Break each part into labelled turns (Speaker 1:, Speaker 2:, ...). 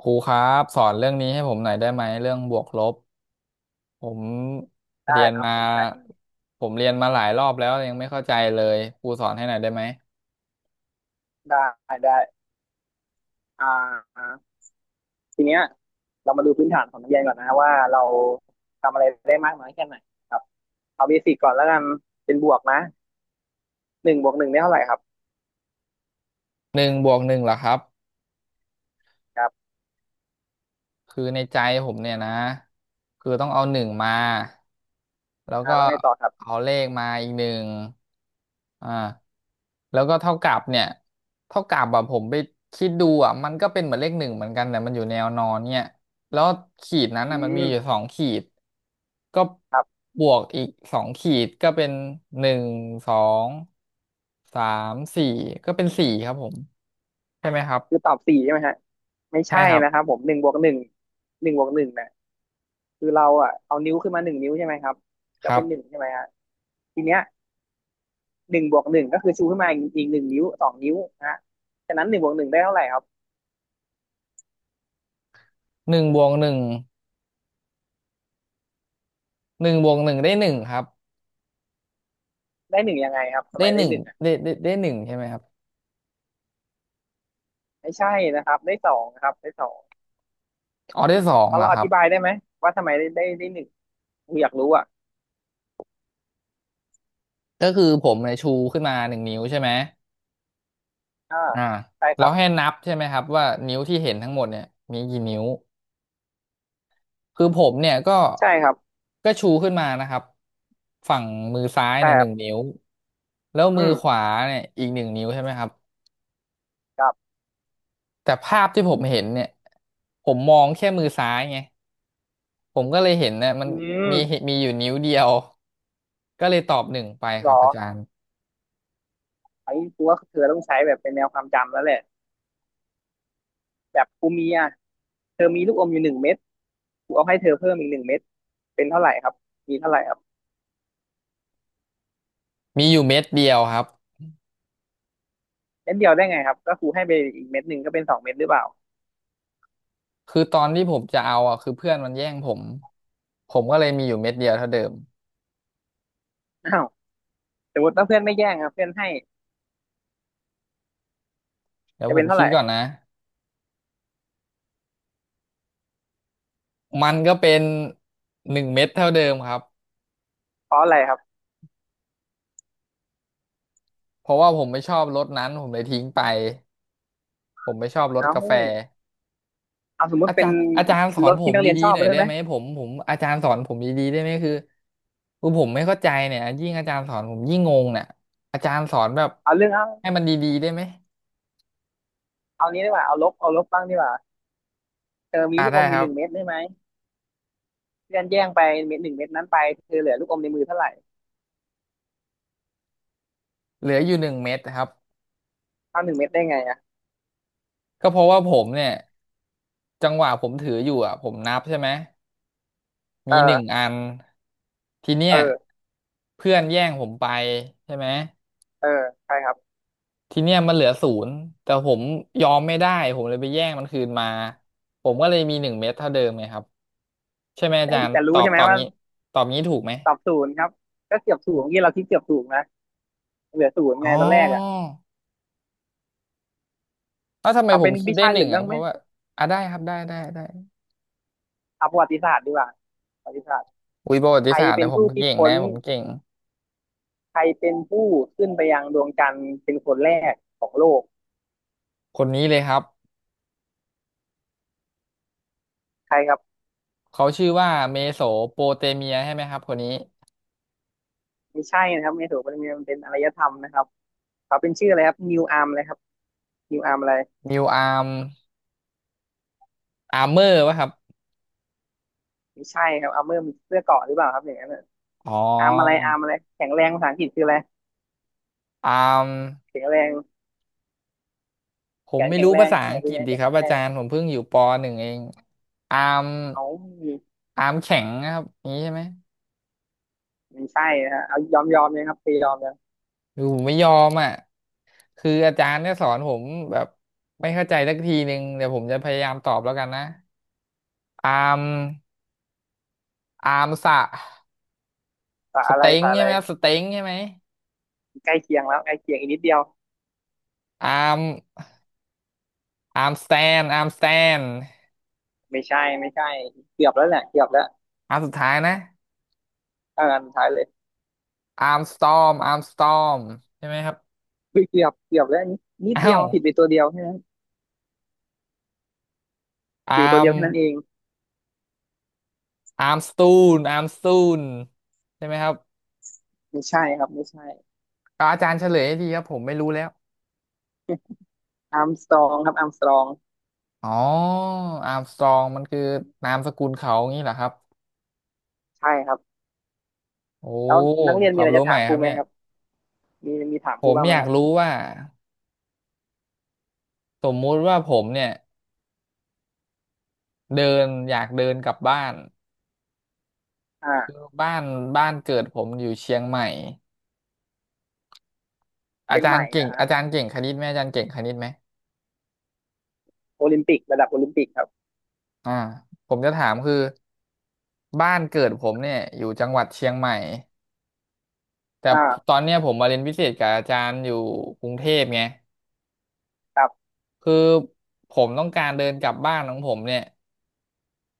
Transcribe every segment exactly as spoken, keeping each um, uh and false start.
Speaker 1: ครูครับสอนเรื่องนี้ให้ผมหน่อยได้ไหมเรื่องบวกลบผมเรี
Speaker 2: ได้
Speaker 1: ยน
Speaker 2: ครับ
Speaker 1: มา
Speaker 2: ผมได้
Speaker 1: ผมเรียนมาหลายรอบแล้วยังไม่เข้าใจเลยครูสอนให้หน่อยได้ไหม
Speaker 2: ได้ได้อ่าทีเนี้ยเรามาดูพื้นฐานของนักเรียนก่อนนะว่าเราทำอะไรได้มากน้อยแค่ไหนครับเอาเบสิกก่อนแล้วกันเป็นบวกนะหนึ่งบวกหนึ่งได้เท่าไหร่ครับ
Speaker 1: หนึ่งบวกหนึ่งเหรอครับ
Speaker 2: ครับ
Speaker 1: คือในใจผมเนี่ยนะคือต้องเอาหนึ่งมาแล้ว
Speaker 2: อ่า
Speaker 1: ก็
Speaker 2: แล้วไงต่อครับ
Speaker 1: เอาเลขมาอีกหนึ่งอ่าแล้วก็เท่ากับเนี่ยเท่ากับแบบผมไปคิดดูอ่ะมันก็เป็นเหมือนเลขหนึ่งเหมือนกันแต่มันอยู่แนวนอนเนี่ยแล้วขีดนั้น
Speaker 2: อื
Speaker 1: อ่ะมัน
Speaker 2: ม
Speaker 1: มีอยู่สองขีดก็
Speaker 2: ครับ
Speaker 1: บวกอีกสองขีดก็เป็นหนึ่งสองสามสี่ก็เป็นสี่ครับผมใช่ไหมครับ
Speaker 2: คือตอบสี่ใช่ไหมฮะไม่
Speaker 1: ใช่
Speaker 2: ใช่
Speaker 1: ครับ
Speaker 2: นะครับผมหนึ่งบวกหนึ่งหนึ่งบวกหนึ่งเนี่ยคือเราอ่ะเอานิ้วขึ้นมาหนึ่งนิ้วใช่ไหมครับ
Speaker 1: ค
Speaker 2: ก็
Speaker 1: รั
Speaker 2: เป็น
Speaker 1: บ
Speaker 2: หนึ่งใช่ไหมฮะทีเนี้ยหนึ่งบวกหนึ่งก็คือชูขึ้นมาอีกอีกหนึ่งนิ้วสองนิ้วนะฮะฉะนั้นหนึ่งบวกหนึ่งได้เท่าไหร่ครับ
Speaker 1: หนึ่งบวกหนึ่ง หนึ่งบวกหนึ่งได้หนึ่งครับ
Speaker 2: ได้หนึ่งยังไงครับทำ
Speaker 1: ได้
Speaker 2: ไม
Speaker 1: ห
Speaker 2: ได้
Speaker 1: นึ่ง
Speaker 2: หนึ่ง
Speaker 1: ได้ได้ได้หนึ่งใช่ไหมครับ
Speaker 2: ไม่ใช่นะครับได้สองนะครับได้สอง
Speaker 1: อ๋อได้สอง
Speaker 2: พอ
Speaker 1: เหร
Speaker 2: เรา
Speaker 1: อ
Speaker 2: อ
Speaker 1: ครับ
Speaker 2: ธิบายได้ไหมว่าทำไมได้ได้ได้หนึ่งอยากรู้อ่ะ
Speaker 1: ก็คือผมเนี่ยชูขึ้นมาหนึ่งนิ้วใช่ไหม
Speaker 2: อ่า
Speaker 1: อ่า
Speaker 2: ใช่ค
Speaker 1: แล้
Speaker 2: รั
Speaker 1: ว
Speaker 2: บ
Speaker 1: ให้นับใช่ไหมครับว่านิ้วที่เห็นทั้งหมดเนี่ยมีกี่นิ้วคือผมเนี่ยก็
Speaker 2: ใช่ครับ
Speaker 1: ก็ชูขึ้นมานะครับฝั่งมือซ้ายเนี่ยหนึ่ง
Speaker 2: แต่
Speaker 1: นิ้วแล้ว
Speaker 2: อื
Speaker 1: มือ
Speaker 2: ม
Speaker 1: ขวาเนี่ยอีกหนึ่งนิ้วใช่ไหมครับ
Speaker 2: ครับ
Speaker 1: แต่ภาพที่ผมเห็นเนี่ยผมมองแค่มือซ้ายไง ผมก็เลยเห็นนะมัน
Speaker 2: อืม
Speaker 1: มีมีอยู่นิ้วเดียวก็เลยตอบหนึ่งไป
Speaker 2: ห
Speaker 1: ค
Speaker 2: ร
Speaker 1: รับ
Speaker 2: อ
Speaker 1: อาจารย์
Speaker 2: ไอ้กูว่าเธอต้องใช้แบบเป็นแนวความจำแล้วแหละแบบกูมีอ่ะเธอมีลูกอมอยู่หนึ่งเม็ดกูเอาให้เธอเพิ่มอีกหนึ่งเม็ดเป็นเท่าไหร่ครับมีเท่าไหร่ครับ
Speaker 1: มีอยู่เม็ดเดียวครับ
Speaker 2: เม็ดเดียวได้ไงครับก็ครูให้ไปอีกเม็ดหนึ่งก็เป็นสองเม็ดหรือเปล่า
Speaker 1: คือตอนที่ผมจะเอาอ่ะคือเพื่อนมันแย่งผมผมก็เลยมีอยู่เม็ดเดียวเท่าเดิม
Speaker 2: อ้าวสมมติถ้าเพื่อนไม่แย่งอ่ะเพื่อนให้
Speaker 1: เดี๋ยว
Speaker 2: จะ
Speaker 1: ผ
Speaker 2: เป็น
Speaker 1: ม
Speaker 2: เท่า
Speaker 1: คิ
Speaker 2: ไห
Speaker 1: ด
Speaker 2: ร่
Speaker 1: ก่อนนะมันก็เป็นหนึ่งเม็ดเท่าเดิมครับ
Speaker 2: เพราะอะไรครับ
Speaker 1: เพราะว่าผมไม่ชอบรสนั้นผมเลยทิ้งไปผมไม่ชอบรสกา
Speaker 2: เอา
Speaker 1: แฟ
Speaker 2: เอาสมมุติ
Speaker 1: อา
Speaker 2: เป็
Speaker 1: จา
Speaker 2: น
Speaker 1: รย์อาจารย์สอ
Speaker 2: ร
Speaker 1: น
Speaker 2: ถ
Speaker 1: ผ
Speaker 2: ที่
Speaker 1: ม
Speaker 2: นักเรียน
Speaker 1: ดี
Speaker 2: ชอ
Speaker 1: ๆ
Speaker 2: บ
Speaker 1: หน่อ
Speaker 2: มา
Speaker 1: ย
Speaker 2: ได้
Speaker 1: ได้
Speaker 2: ไหม
Speaker 1: ไหมผมผมอาจารย์สอนผมดีๆได้ไหมคือคือผมไม่เข้าใจเนี่ยยิ่งอาจารย์สอนผมยิ่งงงเนี่ยอาจารย์สอนแบบ
Speaker 2: เอาเรื่อง
Speaker 1: ให้มันดีๆได้ไหม
Speaker 2: เอานี้ดีกว่าเอาลบเอาลบบ้างดีกว่าเธอมี
Speaker 1: อ่า
Speaker 2: ลูกอ
Speaker 1: ได้
Speaker 2: มอ
Speaker 1: ค
Speaker 2: ยู่
Speaker 1: รั
Speaker 2: ห
Speaker 1: บ
Speaker 2: นึ่งเม็ดได้ไหมเพื่อนแย่งไปเม็ดหนึ่งเม็ดนั้นไปเธอเหลือลูกอมในมือเท่าไหร่
Speaker 1: เหลืออยู่หนึ่งเม็ดครับ
Speaker 2: เท่าหนึ่งเม็ดได้ไงอ่ะ
Speaker 1: ก็เพราะว่าผมเนี่ยจังหวะผมถืออยู่อ่ะผมนับใช่ไหมมีหนึ่ง
Speaker 2: เออ
Speaker 1: อันทีเนี้
Speaker 2: เอ
Speaker 1: ย
Speaker 2: อ
Speaker 1: เพื่อนแย่งผมไปใช่ไหม
Speaker 2: เออใช่ครับ
Speaker 1: ทีเนี้ยมันเหลือศูนย์แต่ผมยอมไม่ได้ผมเลยไปแย่งมันคืนมาผมก็เลยมีหนึ่งเม็ดเท่าเดิมไงครับใช่ไหมอา
Speaker 2: แต่
Speaker 1: จารย์
Speaker 2: จะ
Speaker 1: ต
Speaker 2: รู้
Speaker 1: อบ
Speaker 2: ใช่ไห
Speaker 1: ต
Speaker 2: ม
Speaker 1: อบ
Speaker 2: ว่า
Speaker 1: งี้ตอบงี้ถูกไหม
Speaker 2: ตอบศูนย์ครับก็เกือบศูนย์ที่อกี้เราคิดเกือบศูนย์นะเหลือศูนย์
Speaker 1: อ๋
Speaker 2: ไง
Speaker 1: อ
Speaker 2: ตอนแรกอ่ะ
Speaker 1: แล้วทำไม
Speaker 2: เอา
Speaker 1: ผม
Speaker 2: เป็น
Speaker 1: คิด
Speaker 2: วิ
Speaker 1: ได้
Speaker 2: ชา
Speaker 1: หนึ่
Speaker 2: อื่
Speaker 1: ง
Speaker 2: น
Speaker 1: อ่ะ
Speaker 2: บ้าง
Speaker 1: เพ
Speaker 2: ไหม
Speaker 1: ราะว่าอ่ะได้ครับได้ได้ได้
Speaker 2: เอาประวัติศาสตร์ดีกว่าประวัติศาสตร์
Speaker 1: อุ้ยประวั
Speaker 2: ใค
Speaker 1: ติ
Speaker 2: ร
Speaker 1: ศาสตร์
Speaker 2: เป็
Speaker 1: เนี่
Speaker 2: น
Speaker 1: ยผม
Speaker 2: ผู้คิด
Speaker 1: เก่ง
Speaker 2: ค้น
Speaker 1: นะผมเก่ง
Speaker 2: ใครเป็นผู้ขึ้นไปยังดวงจันทร์เป็นคนแรกของโลก
Speaker 1: คนนี้เลยครับ
Speaker 2: ใครครับ
Speaker 1: เขาชื่อว่าเมโสโปเตเมียใช่ไหมครับคนนี้
Speaker 2: ไม่ใช่นะครับไม่ถูกมันเป็นอารยธรรมนะครับเขาเป็นชื่ออะไรครับนิวอาร์มเลยครับนิวอาร์มอะไร
Speaker 1: นิวอาร์มอาร์เมอร์ป่ะครับ
Speaker 2: ไม่ใช่ครับอาร์เมอร์มันเสื้อเกราะหรือเปล่าครับอย่างนั้นน่ะ
Speaker 1: อ๋อ
Speaker 2: อาร์มอะไรอาร์มอะไรแข็งแรงภาษาอังกฤษคืออะไร
Speaker 1: อาร์ม
Speaker 2: แข็งแรง
Speaker 1: ผ
Speaker 2: แข
Speaker 1: ม
Speaker 2: น
Speaker 1: ไม่
Speaker 2: แข็ง
Speaker 1: รู้
Speaker 2: แร
Speaker 1: ภา
Speaker 2: ง
Speaker 1: ษาอั
Speaker 2: เนี่ย
Speaker 1: งก
Speaker 2: คือ
Speaker 1: ฤษ
Speaker 2: ไง
Speaker 1: ดี
Speaker 2: แข
Speaker 1: ค
Speaker 2: น
Speaker 1: รับ
Speaker 2: แข็ง
Speaker 1: อา
Speaker 2: แร
Speaker 1: จา
Speaker 2: ง
Speaker 1: รย์ผมเพิ่งอยู่ปหนึ่งเองอาร์ม
Speaker 2: เอา
Speaker 1: อาร์มแข็งนะครับนี้ใช่ไหม
Speaker 2: ไม่ใช่นะฮะเอายอมยอมเลยครับตียอมเลย
Speaker 1: คือผมไม่ยอมอ่ะคืออาจารย์เนี่ยสอนผมแบบไม่เข้าใจสักทีหนึ่งเดี๋ยวผมจะพยายามตอบแล้วกันนะอาร์มอาร์มสะ
Speaker 2: ภาษา
Speaker 1: ส
Speaker 2: อะไร
Speaker 1: เต็ง
Speaker 2: ภาษาอะ
Speaker 1: ใช่
Speaker 2: ไร
Speaker 1: ไหมครับสเต็งใช่ไหม
Speaker 2: ใกล้เคียงแล้วใกล้เคียงอีกนิดเดียว
Speaker 1: อาร์มอาร์มสแตนอาร์มสแตน
Speaker 2: ไม่ใช่ไม่ใช่เกือบแล้วแหละเกือบแล้ว
Speaker 1: อาร์มสุดท้ายนะ
Speaker 2: เอาอันสุดท้ายเลย
Speaker 1: อาร์มสตอมอาร์มสตอมใช่ไหมครับ
Speaker 2: เฮ้ยเกือบเกือบแล้วอันนี้นิด
Speaker 1: อ้า
Speaker 2: เดียว
Speaker 1: ว
Speaker 2: ผิดไปตัวเดียวแค่นั้นผิดไป
Speaker 1: อา
Speaker 2: ตัว
Speaker 1: ร์ม
Speaker 2: เดียวแค่นั้นเอง
Speaker 1: อาร์มสตูนอาร์มสตูนใช่ไหมครับ
Speaker 2: ไม่ใช่ครับไม่ใช่
Speaker 1: ก็อาจารย์เฉลยให้ทีครับผมไม่รู้แล้ว
Speaker 2: อาร์มสตรองครับอาร์มสตรอง
Speaker 1: อ๋ออาร์มสตรองมันคือนามสกุลเขางี้เหรอครับ
Speaker 2: ใช่ครับ
Speaker 1: โอ้
Speaker 2: แล้วนักเรียน
Speaker 1: ค
Speaker 2: มี
Speaker 1: วา
Speaker 2: อะ
Speaker 1: ม
Speaker 2: ไร
Speaker 1: รู้
Speaker 2: จะ
Speaker 1: ใหม่
Speaker 2: ถามค
Speaker 1: ค
Speaker 2: รู
Speaker 1: รับ
Speaker 2: ไหม
Speaker 1: เนี่ย
Speaker 2: ครับมีมีถาม
Speaker 1: ผ
Speaker 2: ครู
Speaker 1: ม
Speaker 2: บ้างไห
Speaker 1: อ
Speaker 2: ม
Speaker 1: ยา
Speaker 2: ค
Speaker 1: ก
Speaker 2: รับ
Speaker 1: รู้ว่าสมมุติว่าผมเนี่ยเดินอยากเดินกลับบ้านคือ
Speaker 2: อ่า
Speaker 1: บ้านบ้านเกิดผมอยู่เชียงใหม่อา
Speaker 2: เชียง
Speaker 1: จา
Speaker 2: ให
Speaker 1: ร
Speaker 2: ม่
Speaker 1: ย์เก่ง
Speaker 2: นะฮะ
Speaker 1: อาจารย์เก่งคณิตไหมอาจารย์เก่งคณิตไหม
Speaker 2: โอลิมปิกระดับโอลิมปิกครับ
Speaker 1: อ่าผมจะถามคือบ้านเกิดผมเนี่ยอยู่จังหวัดเชียงใหม่แต่ต
Speaker 2: อ่า
Speaker 1: อนเนี้ยผมมาเรียนพิเศษกับอาจารย์อยู่กรุงเทพไง
Speaker 2: กับ
Speaker 1: คือผมต้องการเดินกลับบ้านของผมเนี่ย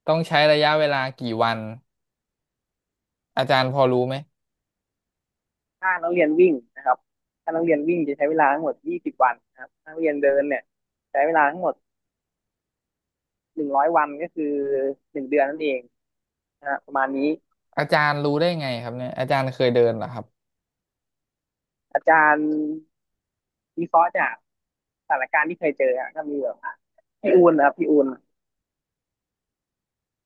Speaker 1: ต้องใช้ระยะเวลากี่วันอาจารย์พอรู้ไหม
Speaker 2: ถ้านักเรียนวิ่งนะครับถ้านักเรียนวิ่งจะใช้เวลาทั้งหมด ยี่สิบ วันนะครับถ้านักเรียนเดินเนี่ยใช้เวลาทั้งหมด หนึ่งร้อย วันก็คือหนึ่งเดือนนั่นเองนะฮะประมาณนี้
Speaker 1: อาจารย์รู้ได้ไงครับเนี่ยอาจารย์เคยเดินเหรอครับ
Speaker 2: อาจารย์วิเคราะห์จากสถานการณ์ที่เคยเจออะก็มีแบบพี่อูนนะครับพี่อูน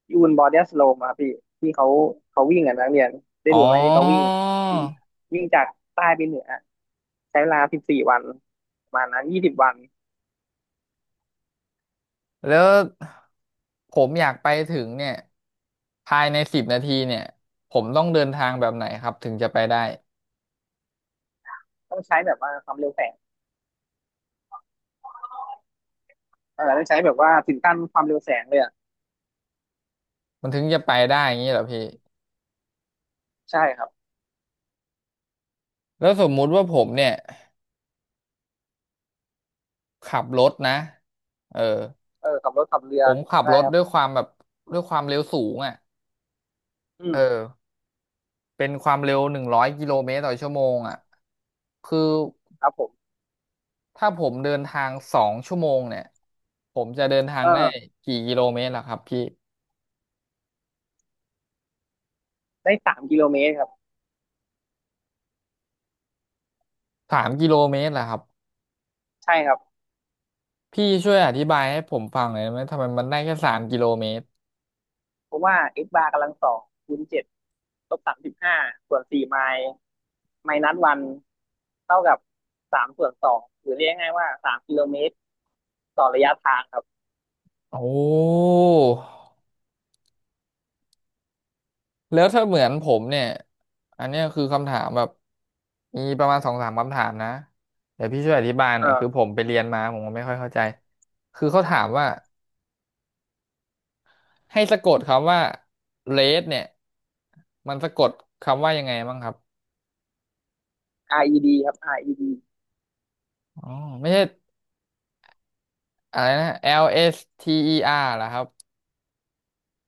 Speaker 2: พี่อูนบอดี้สโลมครับพี่ที่เขาเขาวิ่งอ่ะนักเรียนได้
Speaker 1: อ๋
Speaker 2: ดูไหมที่เขาวิ่ง
Speaker 1: อ
Speaker 2: อะที่วิ่งจากใต้ไปเหนือใช้เวลาสิบสี่วันประมาณนั้นยี่สิบวัน
Speaker 1: แล้วผมอยากไปถึงเนี่ยภายในสิบนาทีเนี่ยผมต้องเดินทางแบบไหนครับถึงจะไปได้
Speaker 2: ต้องใช้แบบว่าความเร็วแฝ เออได้ใช้แบบว่าถึงขั้นความเร็วแสงเลยอ่ะ
Speaker 1: มันถึงจะไปได้อย่างนี้เหรอพี่
Speaker 2: ใช่ครับ
Speaker 1: แล้วสมมุติว่าผมเนี่ยขับรถนะเออ
Speaker 2: เออขับรถขับเรือ
Speaker 1: ผมขับ
Speaker 2: ได้
Speaker 1: รถ
Speaker 2: ครับ
Speaker 1: ด้วยความแบบด้วยความเร็วสูงอ่ะ
Speaker 2: อื
Speaker 1: เอ
Speaker 2: ม
Speaker 1: อ เป็นความเร็วหนึ่งร้อยกิโลเมตรต่อชั่วโมงอ่ะคือ
Speaker 2: ครับผม
Speaker 1: ถ้าผมเดินทางสองชั่วโมงเนี่ยผมจะเดินทา
Speaker 2: เอ
Speaker 1: ง
Speaker 2: อ
Speaker 1: ได้กี่กิโลเมตรล่ะครับพี่
Speaker 2: ได้สามกิโลเมตรครับ
Speaker 1: สามกิโลเมตรล่ะครับ
Speaker 2: ใช่ครับ
Speaker 1: พี่ช่วยอธิบายให้ผมฟังหน่อยได้ไหมทำไมมันได้แค่สามกิโลเมตร
Speaker 2: เพราะว่าเอ a r บาร์กำลังสองคูณเจ็ดลบสามสิบห้าส่วนสี่ไมล์ไมล์นัดวันเท่ากับสามส่วนสองหรือเรียกง่ายๆว่าสามกิโลเมตรต่อระยะทางครับ
Speaker 1: โอ้แล้วถ้าเหมือนผมเนี่ยอันเนี้ยคือคำถามแบบมีประมาณสองสามคำถามนะเดี๋ยวพี่ช่วยอธิบายห
Speaker 2: เอ
Speaker 1: น่อยคื
Speaker 2: อ
Speaker 1: อผมไปเรียนมาผมก็ไม่ค่อยเข้าใจคือเขาถามว่า ให้สะกดคำว่า เรด เนี่ย มันสะกดคำว่ายังไงบ้างครับ
Speaker 2: อาร์ อี ดี ครับ อาร์ อี ดี
Speaker 1: อ๋อไม่ใช่อะไรนะ แอล เอส ที อี อาร์ เหรอครับ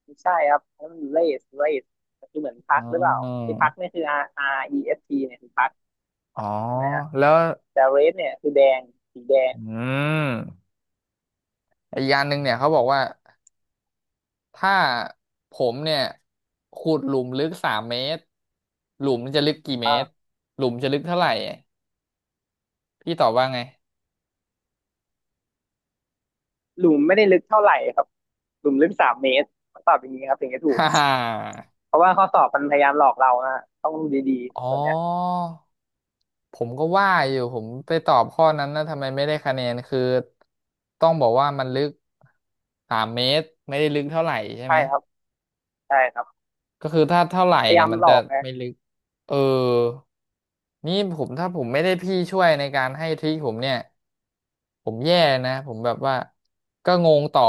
Speaker 2: ไม่ใช่ครับนั่นมัน race race คือเหมือนพั
Speaker 1: อ๋
Speaker 2: ก
Speaker 1: อ
Speaker 2: หรือเปล่าไอ้พักเนี่ยคือ R R E S ีเอสทีเนี่ยคือพัก
Speaker 1: อ๋อ
Speaker 2: ใช่ไหมฮะ
Speaker 1: แล้ว
Speaker 2: แต่ race เนี่ยคือแดงสีแดง
Speaker 1: อืมอีกอย่างหนึ่งเนี่ยเขาบอกว่าถ้าผมเนี่ยขุดหลุมลึกสามเมตร หลุมจะลึกกี่เมตร
Speaker 2: อ่า
Speaker 1: หลุมจะลึกเท่าไหร่ พี่ตอบว่าไง
Speaker 2: หลุมไม่ได้ลึกเท่าไหร่ครับหลุมลึกสามเมตรคำตอบอย่างนี้ครับถึงจะถูก
Speaker 1: ฮ่าฮ่า
Speaker 2: เพราะว่าข้อสอบมันพยายามหลอกเรานะต้องดูดีๆ
Speaker 1: อ๋อ
Speaker 2: ส่วนเนี้ย
Speaker 1: ผมก็ว่าอยู่ผมไปตอบข้อนั้นนะทำไมไม่ได้คะแนนคือต้องบอกว่ามันลึกสามเมตรไม่ได้ลึกเท่าไหร่ใช่ไห
Speaker 2: ใช่
Speaker 1: ม
Speaker 2: ครับใช่ครับ
Speaker 1: ก็คือถ้าเท่าไหร่
Speaker 2: พยา
Speaker 1: เนี่
Speaker 2: ยา
Speaker 1: ย
Speaker 2: ม
Speaker 1: มัน
Speaker 2: หล
Speaker 1: จะ
Speaker 2: อกนะ
Speaker 1: ไม่ลึกเออนี่ผมถ้าผมไม่ได้พี่ช่วยในการให้ทริคผมเนี่ยผมแย่นะผมแบบว่าก็งงต่อ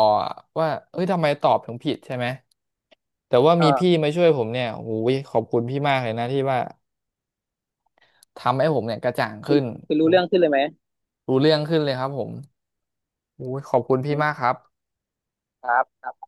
Speaker 1: ว่าเอ้ยทำไมตอบถึงผิดใช่ไหมแต่ว่า
Speaker 2: เอ
Speaker 1: มี
Speaker 2: อ
Speaker 1: พี่มาช่วยผมเนี่ยโอ้ยขอบคุณพี่มากเลยนะที่ว่าทำให้ผมเนี่ยกระจ่าง
Speaker 2: คื
Speaker 1: ขึ้
Speaker 2: อ
Speaker 1: น
Speaker 2: คือรู้เรื่องขึ้นเลยไหม
Speaker 1: รู้เรื่องขึ้นเลยครับผมอุ้ยขอบคุณพี่มาก
Speaker 2: ม
Speaker 1: ครับ
Speaker 2: ครับครับ